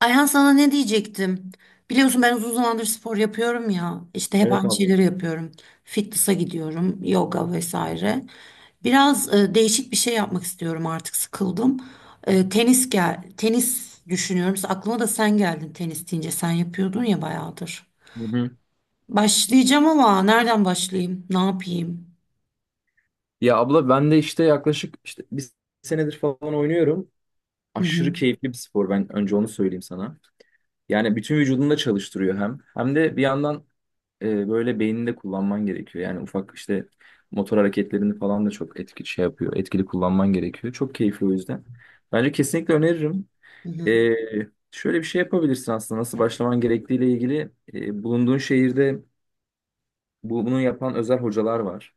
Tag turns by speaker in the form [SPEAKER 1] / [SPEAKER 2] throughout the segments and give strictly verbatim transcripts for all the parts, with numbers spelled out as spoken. [SPEAKER 1] Ayhan sana ne diyecektim? Biliyorsun ben uzun zamandır spor yapıyorum ya. İşte hep
[SPEAKER 2] Evet
[SPEAKER 1] aynı
[SPEAKER 2] abi.
[SPEAKER 1] şeyleri yapıyorum. Fitness'a gidiyorum, yoga vesaire. Biraz e, değişik bir şey yapmak istiyorum artık sıkıldım. E, tenis gel, tenis düşünüyorum. Aklıma da sen geldin tenis deyince. Sen yapıyordun ya bayağıdır.
[SPEAKER 2] Hı hı.
[SPEAKER 1] Başlayacağım ama nereden başlayayım? Ne yapayım?
[SPEAKER 2] Ya abla ben de işte yaklaşık işte bir senedir falan oynuyorum.
[SPEAKER 1] Hı
[SPEAKER 2] Aşırı
[SPEAKER 1] hı.
[SPEAKER 2] keyifli bir spor, ben önce onu söyleyeyim sana. Yani bütün vücudunu da çalıştırıyor hem. Hem de bir yandan e, böyle beynini de kullanman gerekiyor. Yani ufak işte motor hareketlerini falan da çok etki şey yapıyor. Etkili kullanman gerekiyor. Çok keyifli o yüzden. Bence kesinlikle öneririm.
[SPEAKER 1] Hı hı.
[SPEAKER 2] E, Şöyle bir şey yapabilirsin aslında nasıl başlaman gerektiğiyle ilgili. E, bulunduğun şehirde bu- bunu yapan özel hocalar var.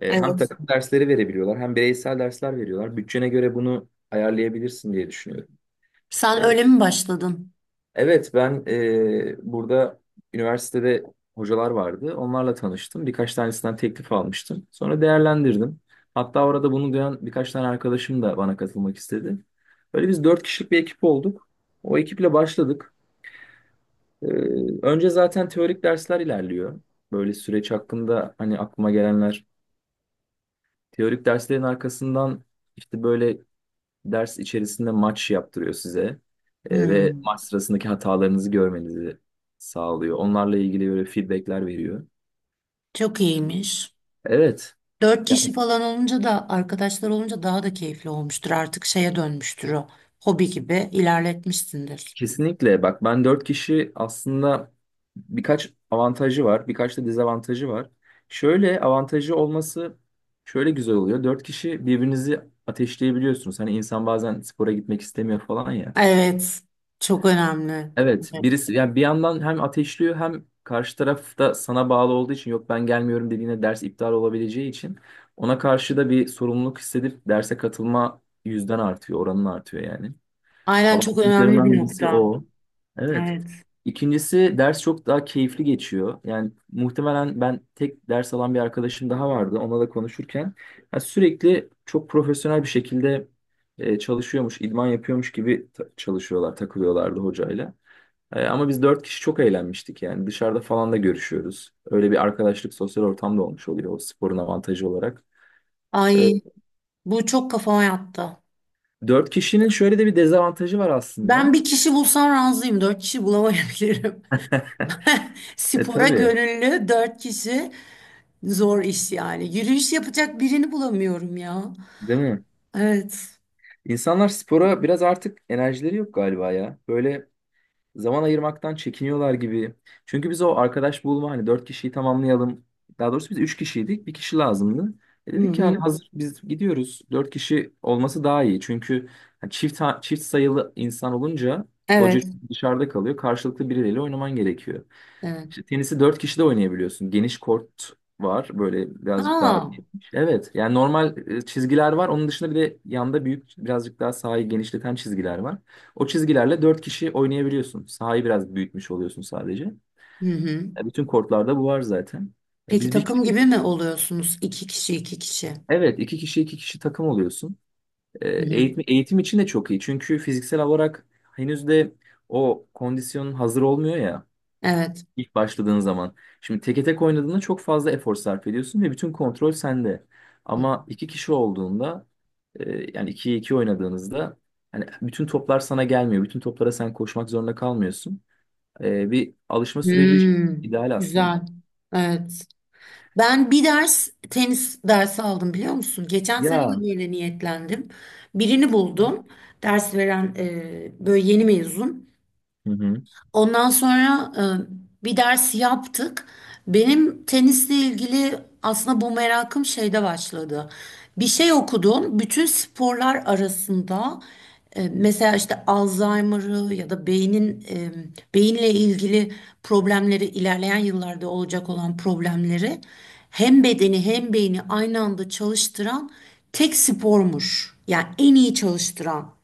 [SPEAKER 2] E, hem
[SPEAKER 1] Evet.
[SPEAKER 2] takım dersleri verebiliyorlar hem bireysel dersler veriyorlar. Bütçene göre bunu ayarlayabilirsin diye düşünüyorum. E,
[SPEAKER 1] Sen öyle mi başladın?
[SPEAKER 2] evet, ben e, burada üniversitede hocalar vardı. Onlarla tanıştım. Birkaç tanesinden teklif almıştım. Sonra değerlendirdim. Hatta orada bunu duyan birkaç tane arkadaşım da bana katılmak istedi. Böyle biz dört kişilik bir ekip olduk. O ekiple başladık. E, Önce zaten teorik dersler ilerliyor. Böyle süreç hakkında hani aklıma gelenler. Teorik derslerin arkasından işte böyle ders içerisinde maç yaptırıyor size. E, ve
[SPEAKER 1] Hı.
[SPEAKER 2] maç sırasındaki hatalarınızı görmenizi sağlıyor. Onlarla ilgili böyle feedbackler veriyor.
[SPEAKER 1] Çok iyiymiş.
[SPEAKER 2] Evet.
[SPEAKER 1] Dört
[SPEAKER 2] Ya
[SPEAKER 1] kişi falan olunca da arkadaşlar olunca daha da keyifli olmuştur. Artık şeye dönmüştür o. Hobi gibi ilerletmişsindir.
[SPEAKER 2] kesinlikle, bak ben dört kişi aslında birkaç avantajı var, birkaç da dezavantajı var. Şöyle avantajı olması şöyle güzel oluyor. Dört kişi birbirinizi ateşleyebiliyorsunuz. Hani insan bazen spora gitmek istemiyor falan ya.
[SPEAKER 1] Evet. Çok önemli.
[SPEAKER 2] Evet,
[SPEAKER 1] Evet.
[SPEAKER 2] birisi yani bir yandan hem ateşliyor, hem karşı taraf da sana bağlı olduğu için yok ben gelmiyorum dediğine ders iptal olabileceği için ona karşı da bir sorumluluk hissedip derse katılma yüzden artıyor, oranın artıyor yani.
[SPEAKER 1] Aynen çok önemli
[SPEAKER 2] Avantajlarından
[SPEAKER 1] bir
[SPEAKER 2] birisi
[SPEAKER 1] nokta.
[SPEAKER 2] o. Evet.
[SPEAKER 1] Evet.
[SPEAKER 2] İkincisi, ders çok daha keyifli geçiyor. Yani muhtemelen ben, tek ders alan bir arkadaşım daha vardı. Onunla da konuşurken ya sürekli çok profesyonel bir şekilde e, çalışıyormuş, idman yapıyormuş gibi ta- çalışıyorlar, takılıyorlardı hocayla. E, ama biz dört kişi çok eğlenmiştik yani, dışarıda falan da görüşüyoruz. Öyle bir arkadaşlık, sosyal ortam da olmuş oluyor o sporun avantajı olarak. E,
[SPEAKER 1] Ay, bu çok kafama yattı.
[SPEAKER 2] Dört kişinin şöyle de bir dezavantajı var
[SPEAKER 1] Ben
[SPEAKER 2] aslında.
[SPEAKER 1] bir kişi bulsam razıyım. Dört kişi bulamayabilirim.
[SPEAKER 2] E
[SPEAKER 1] Spora
[SPEAKER 2] tabii,
[SPEAKER 1] gönüllü dört kişi zor iş yani. Yürüyüş yapacak birini bulamıyorum ya.
[SPEAKER 2] değil mi?
[SPEAKER 1] Evet.
[SPEAKER 2] İnsanlar spora biraz artık enerjileri yok galiba ya. Böyle zaman ayırmaktan çekiniyorlar gibi. Çünkü biz o arkadaş bulma hani, dört kişiyi tamamlayalım. Daha doğrusu biz üç kişiydik. Bir kişi lazımdı. E
[SPEAKER 1] Hı
[SPEAKER 2] dedik ki hani
[SPEAKER 1] hı.
[SPEAKER 2] hazır biz gidiyoruz, dört kişi olması daha iyi. Çünkü hani çift, ha- çift sayılı insan olunca hoca
[SPEAKER 1] Evet.
[SPEAKER 2] dışarıda kalıyor. Karşılıklı birileriyle oynaman gerekiyor.
[SPEAKER 1] Evet.
[SPEAKER 2] İşte tenisi dört kişi de oynayabiliyorsun. Geniş kort var. Böyle birazcık daha
[SPEAKER 1] Aa.
[SPEAKER 2] geniş. Evet. Yani normal e, çizgiler var. Onun dışında bir de yanda, büyük birazcık daha sahayı genişleten çizgiler var. O çizgilerle dört kişi oynayabiliyorsun. Sahayı biraz büyütmüş oluyorsun sadece.
[SPEAKER 1] Hı hı.
[SPEAKER 2] E, bütün kortlarda bu var zaten. E,
[SPEAKER 1] Peki
[SPEAKER 2] biz bir
[SPEAKER 1] takım
[SPEAKER 2] kişi,
[SPEAKER 1] gibi mi oluyorsunuz? İki kişi, iki kişi.
[SPEAKER 2] evet, iki kişi iki kişi takım oluyorsun. E,
[SPEAKER 1] Hı hı.
[SPEAKER 2] eğitim, eğitim için de çok iyi. Çünkü fiziksel olarak henüz de o kondisyonun hazır olmuyor ya
[SPEAKER 1] Evet.
[SPEAKER 2] ilk başladığın zaman. Şimdi teke tek oynadığında çok fazla efor sarf ediyorsun ve bütün kontrol sende.
[SPEAKER 1] Hı.
[SPEAKER 2] Ama iki kişi olduğunda, e, yani ikiye iki oynadığınızda, hani bütün toplar sana gelmiyor. Bütün toplara sen koşmak zorunda kalmıyorsun. Ee, bir alışma süreci için
[SPEAKER 1] Hmm,
[SPEAKER 2] ideal
[SPEAKER 1] güzel.
[SPEAKER 2] aslında.
[SPEAKER 1] Evet. Ben bir ders tenis dersi aldım biliyor musun? Geçen sene de
[SPEAKER 2] Ya.
[SPEAKER 1] böyle niyetlendim. Birini buldum. Ders veren e, böyle yeni mezun.
[SPEAKER 2] Hı hı.
[SPEAKER 1] Ondan sonra e, bir ders yaptık. Benim tenisle ilgili aslında bu merakım şeyde başladı. Bir şey okudum. Bütün sporlar arasında E, mesela işte Alzheimer'ı ya da beynin e, beyinle ilgili problemleri ilerleyen yıllarda olacak olan problemleri hem bedeni hem beyni aynı anda çalıştıran tek spormuş. Yani en iyi çalıştıran.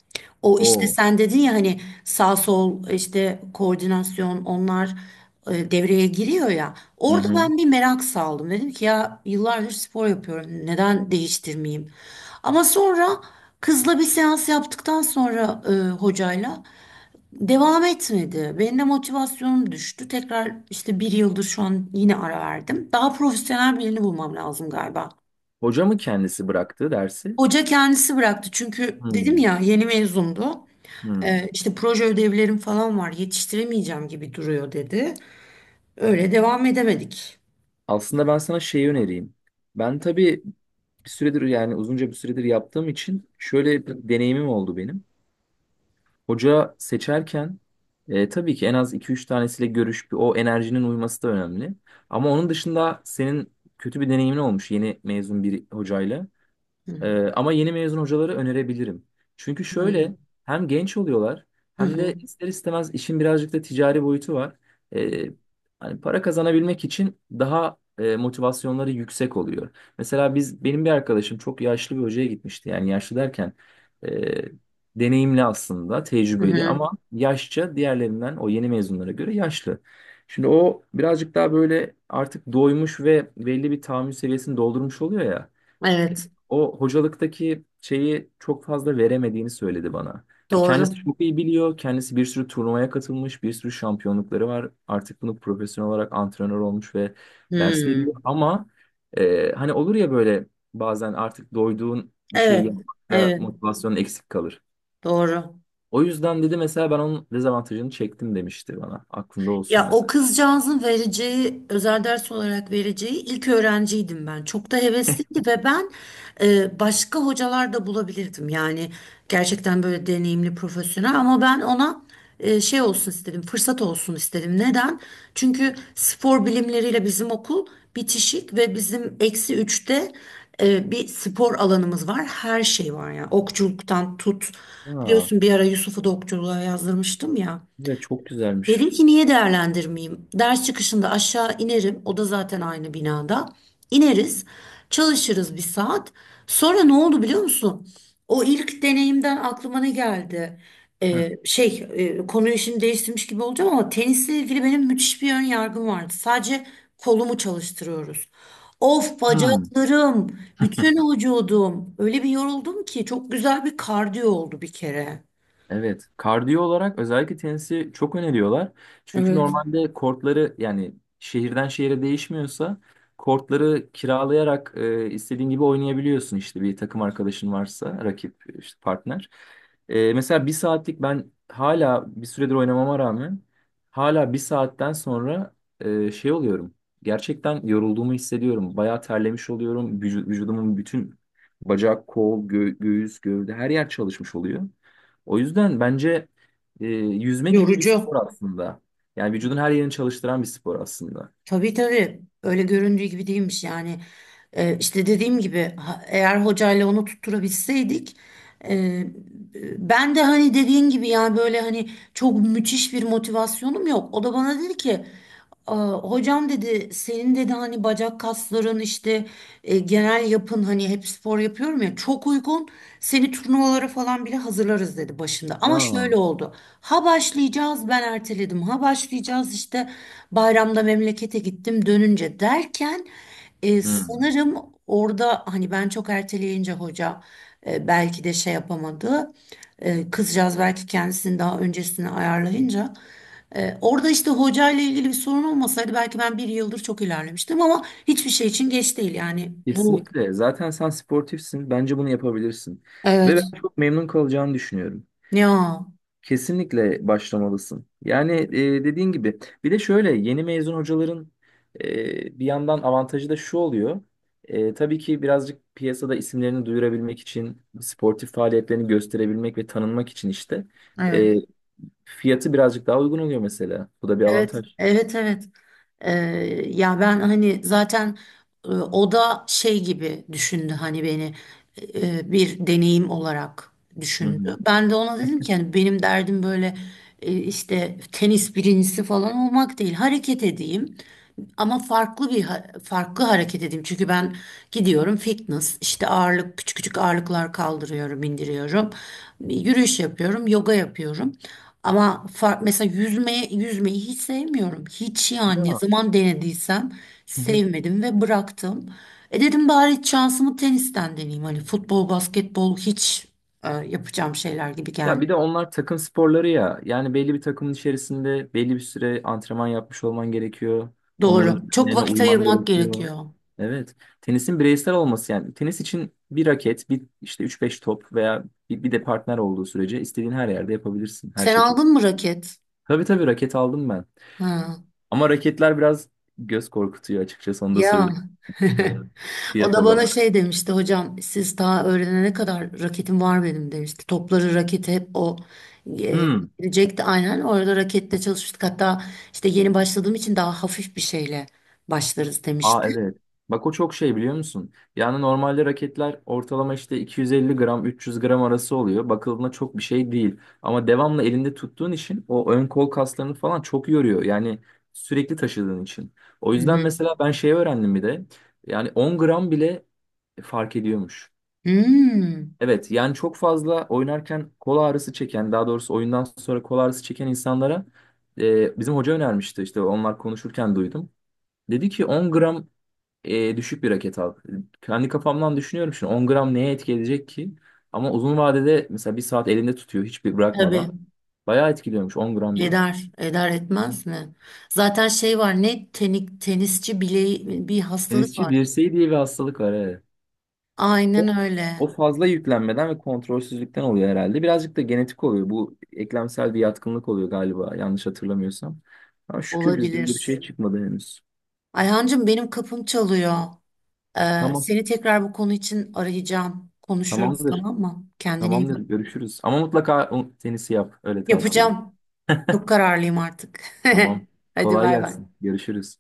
[SPEAKER 1] O işte
[SPEAKER 2] O.
[SPEAKER 1] sen dedin ya hani sağ sol işte koordinasyon onlar e, devreye giriyor ya.
[SPEAKER 2] Hı
[SPEAKER 1] Orada
[SPEAKER 2] hı.
[SPEAKER 1] ben bir merak saldım. Dedim ki ya yıllardır spor yapıyorum. Neden değiştirmeyeyim? Ama sonra kızla bir seans yaptıktan sonra e, hocayla devam etmedi. Benim de motivasyonum düştü. Tekrar işte bir yıldır şu an yine ara verdim. Daha profesyonel birini bulmam lazım galiba.
[SPEAKER 2] Hoca mı kendisi bıraktı dersi?
[SPEAKER 1] Hoca kendisi bıraktı çünkü dedim
[SPEAKER 2] Hmm,
[SPEAKER 1] ya yeni mezundu.
[SPEAKER 2] hmm.
[SPEAKER 1] E, işte proje ödevlerim falan var yetiştiremeyeceğim gibi duruyor dedi. Öyle devam edemedik.
[SPEAKER 2] Aslında ben sana şeyi önereyim. Ben tabii bir süredir, yani uzunca bir süredir yaptığım için şöyle bir deneyimim oldu benim. Hoca seçerken e, tabii ki en az iki üç tanesiyle görüş, bir o enerjinin uyması da önemli. Ama onun dışında senin kötü bir deneyimin olmuş yeni mezun bir hocayla.
[SPEAKER 1] Hı
[SPEAKER 2] Ee, ama yeni mezun hocaları önerebilirim. Çünkü
[SPEAKER 1] hı.
[SPEAKER 2] şöyle, hem genç oluyorlar
[SPEAKER 1] Hı
[SPEAKER 2] hem
[SPEAKER 1] hı.
[SPEAKER 2] de ister istemez işin birazcık da ticari boyutu var. Ee, Hani para kazanabilmek için daha e, motivasyonları yüksek oluyor. Mesela biz, benim bir arkadaşım çok yaşlı bir hocaya gitmişti. Yani yaşlı derken e, deneyimli aslında,
[SPEAKER 1] Hı
[SPEAKER 2] tecrübeli,
[SPEAKER 1] hı.
[SPEAKER 2] ama yaşça diğerlerinden, o yeni mezunlara göre yaşlı. Şimdi o birazcık daha böyle artık doymuş ve belli bir tahammül seviyesini doldurmuş oluyor ya,
[SPEAKER 1] Evet,
[SPEAKER 2] o hocalıktaki şeyi çok fazla veremediğini söyledi bana. Ya kendisi
[SPEAKER 1] doğru.
[SPEAKER 2] çok iyi biliyor. Kendisi bir sürü turnuvaya katılmış, bir sürü şampiyonlukları var. Artık bunu profesyonel olarak antrenör olmuş ve ders
[SPEAKER 1] Hı.
[SPEAKER 2] veriyor. Ama e, hani olur ya böyle, bazen artık doyduğun bir şeyi
[SPEAKER 1] Evet,
[SPEAKER 2] yapmakta
[SPEAKER 1] evet,
[SPEAKER 2] motivasyonun eksik kalır.
[SPEAKER 1] doğru.
[SPEAKER 2] O yüzden dedi mesela, ben onun dezavantajını çektim, demişti bana. Aklında olsun
[SPEAKER 1] Ya o
[SPEAKER 2] mesela.
[SPEAKER 1] kızcağızın vereceği, özel ders olarak vereceği ilk öğrenciydim ben. Çok da hevesliydi ve ben e, başka hocalar da bulabilirdim. Yani gerçekten böyle deneyimli, profesyonel ama ben ona e, şey olsun istedim, fırsat olsun istedim. Neden? Çünkü spor bilimleriyle bizim okul bitişik ve bizim eksi üçte e, bir spor alanımız var. Her şey var ya. Okçuluktan tut.
[SPEAKER 2] Ya,
[SPEAKER 1] Biliyorsun bir ara Yusuf'u da okçuluğa yazdırmıştım ya.
[SPEAKER 2] evet çok güzelmiş.
[SPEAKER 1] Dedim ki niye değerlendirmeyeyim? Ders çıkışında aşağı inerim. O da zaten aynı binada. İneriz, çalışırız bir saat. Sonra ne oldu biliyor musun? O ilk deneyimden aklıma ne geldi?
[SPEAKER 2] Heh.
[SPEAKER 1] Ee, şey, e, konuyu şimdi değiştirmiş gibi olacağım ama tenisle ilgili benim müthiş bir ön yargım vardı. Sadece kolumu çalıştırıyoruz. Of,
[SPEAKER 2] Hmm.
[SPEAKER 1] bacaklarım, bütün vücudum. Öyle bir yoruldum ki çok güzel bir kardiyo oldu bir kere.
[SPEAKER 2] Evet, kardiyo olarak özellikle tenisi çok öneriyorlar. Çünkü
[SPEAKER 1] Evet.
[SPEAKER 2] normalde kortları, yani şehirden şehire değişmiyorsa, kortları kiralayarak e, istediğin gibi oynayabiliyorsun, işte bir takım arkadaşın varsa, rakip, işte partner. E, mesela bir saatlik, ben hala bir süredir oynamama rağmen hala bir saatten sonra e, şey oluyorum. Gerçekten yorulduğumu hissediyorum. Bayağı terlemiş oluyorum. Vücu- vücudumun bütün, bacak, kol, gö- göğüs, gövde her yer çalışmış oluyor. O yüzden bence e, yüzme gibi bir
[SPEAKER 1] Yorucu.
[SPEAKER 2] spor aslında. Yani vücudun her yerini çalıştıran bir spor aslında.
[SPEAKER 1] Tabii tabii öyle göründüğü gibi değilmiş yani. Ee, işte dediğim gibi ha- eğer hocayla onu tutturabilseydik, e, ben de hani dediğin gibi yani böyle hani çok müthiş bir motivasyonum yok, o da bana dedi ki "Aa, hocam dedi senin dedi hani bacak kasların işte e, genel yapın hani hep spor yapıyorum ya, çok uygun, seni turnuvalara falan bile hazırlarız" dedi başında, ama
[SPEAKER 2] Ya.
[SPEAKER 1] şöyle oldu: ha başlayacağız ben erteledim, ha başlayacağız işte bayramda memlekete gittim dönünce derken, e,
[SPEAKER 2] Hmm.
[SPEAKER 1] sanırım orada hani ben çok erteleyince hoca e, belki de şey yapamadı. E, kızcağız belki kendisini daha öncesine ayarlayınca, e, orada işte hoca ile ilgili bir sorun olmasaydı belki ben bir yıldır çok ilerlemiştim, ama hiçbir şey için geç değil yani bu.
[SPEAKER 2] Kesinlikle. Zaten sen sportifsin. Bence bunu yapabilirsin. Ve
[SPEAKER 1] Evet.
[SPEAKER 2] ben çok memnun kalacağını düşünüyorum.
[SPEAKER 1] Ya,
[SPEAKER 2] Kesinlikle başlamalısın. Yani e, dediğin gibi. Bir de şöyle, yeni mezun hocaların e, bir yandan avantajı da şu oluyor. E, tabii ki birazcık piyasada isimlerini duyurabilmek için, sportif faaliyetlerini gösterebilmek ve tanınmak için işte
[SPEAKER 1] evet.
[SPEAKER 2] fiyatı birazcık daha uygun oluyor mesela. Bu da bir
[SPEAKER 1] Evet,
[SPEAKER 2] avantaj.
[SPEAKER 1] evet, evet. Ee, ya ben hani zaten e, o da şey gibi düşündü, hani beni e, bir deneyim olarak
[SPEAKER 2] Hı
[SPEAKER 1] düşündü.
[SPEAKER 2] hı.
[SPEAKER 1] Ben de ona dedim ki hani benim derdim böyle e, işte tenis birincisi falan olmak değil. Hareket edeyim ama farklı bir ha- farklı hareket edeyim. Çünkü ben gidiyorum fitness işte ağırlık küçük küçük ağırlıklar kaldırıyorum, indiriyorum.
[SPEAKER 2] Hı.
[SPEAKER 1] Yürüyüş yapıyorum, yoga yapıyorum. Ama fark, mesela yüzmeye, yüzmeyi hiç sevmiyorum. Hiç yani, ne
[SPEAKER 2] Ya.
[SPEAKER 1] zaman denediysem
[SPEAKER 2] Hı hı.
[SPEAKER 1] sevmedim ve bıraktım. E dedim bari şansımı tenisten deneyeyim. Hani futbol, basketbol hiç e, yapacağım şeyler gibi
[SPEAKER 2] Ya
[SPEAKER 1] gelmiyor.
[SPEAKER 2] bir de onlar takım sporları ya. Yani belli bir takımın içerisinde belli bir süre antrenman yapmış olman gerekiyor. Onların
[SPEAKER 1] Doğru. Çok
[SPEAKER 2] düzenlerine
[SPEAKER 1] vakit
[SPEAKER 2] uyman
[SPEAKER 1] ayırmak
[SPEAKER 2] gerekiyor.
[SPEAKER 1] gerekiyor.
[SPEAKER 2] Evet. Tenisin bireysel olması yani. Tenis için bir raket, bir işte üç beş top veya bir, bir de partner olduğu sürece istediğin her yerde yapabilirsin, her
[SPEAKER 1] Sen
[SPEAKER 2] şekilde.
[SPEAKER 1] aldın mı raket?
[SPEAKER 2] Tabii, tabii raket aldım ben.
[SPEAKER 1] Ha.
[SPEAKER 2] Ama raketler biraz göz korkutuyor açıkçası, onu da
[SPEAKER 1] Ya
[SPEAKER 2] söyleyeyim. Evet.
[SPEAKER 1] o
[SPEAKER 2] Fiyat
[SPEAKER 1] da bana
[SPEAKER 2] olarak.
[SPEAKER 1] şey demişti, hocam siz daha öğrenene kadar raketim var benim demişti. Topları raketi hep o e,
[SPEAKER 2] Hmm.
[SPEAKER 1] getirecekti, aynen orada rakette çalışmıştık. Hatta işte yeni başladığım için daha hafif bir şeyle başlarız
[SPEAKER 2] Aa,
[SPEAKER 1] demişti.
[SPEAKER 2] evet. Bak o çok şey, biliyor musun? Yani normalde raketler ortalama işte iki yüz elli gram üç yüz gram arası oluyor. Bakıldığında çok bir şey değil. Ama devamlı elinde tuttuğun için o ön kol kaslarını falan çok yoruyor. Yani sürekli taşıdığın için. O
[SPEAKER 1] Hı
[SPEAKER 2] yüzden
[SPEAKER 1] hı.
[SPEAKER 2] mesela ben şey öğrendim bir de. Yani on gram bile fark ediyormuş.
[SPEAKER 1] Hmm,
[SPEAKER 2] Evet, yani çok fazla oynarken kol ağrısı çeken, daha doğrusu oyundan sonra kol ağrısı çeken insanlara e, bizim hoca önermişti, işte onlar konuşurken duydum. Dedi ki on gram e, düşük bir raket al. Kendi kafamdan düşünüyorum şimdi, on gram neye etki edecek ki? Ama uzun vadede mesela bir saat elinde tutuyor, hiçbir
[SPEAKER 1] tabii,
[SPEAKER 2] bırakmadan. Bayağı etkiliyormuş on gram bile.
[SPEAKER 1] eder eder etmez mi? Zaten şey var, ne tenik, tenisçi bileği bir hastalık
[SPEAKER 2] Tenisçi
[SPEAKER 1] var.
[SPEAKER 2] dirseği diye bir hastalık var. Evet. O,
[SPEAKER 1] Aynen
[SPEAKER 2] o
[SPEAKER 1] öyle,
[SPEAKER 2] fazla yüklenmeden ve kontrolsüzlükten oluyor herhalde. Birazcık da genetik oluyor. Bu eklemsel bir yatkınlık oluyor galiba, yanlış hatırlamıyorsam. Ama şükür bizde öyle bir
[SPEAKER 1] olabilir.
[SPEAKER 2] şey çıkmadı henüz.
[SPEAKER 1] Ayhancığım benim kapım çalıyor. Ee,
[SPEAKER 2] Tamam.
[SPEAKER 1] seni tekrar bu konu için arayacağım. Konuşuruz
[SPEAKER 2] Tamamdır.
[SPEAKER 1] tamam mı? Kendine iyi
[SPEAKER 2] Tamamdır,
[SPEAKER 1] bak.
[SPEAKER 2] görüşürüz. Ama mutlaka o tenisi yap, öyle tavsiye edeyim.
[SPEAKER 1] Yapacağım. Çok kararlıyım artık.
[SPEAKER 2] Tamam.
[SPEAKER 1] Hadi
[SPEAKER 2] Kolay
[SPEAKER 1] bay bay.
[SPEAKER 2] gelsin. Görüşürüz.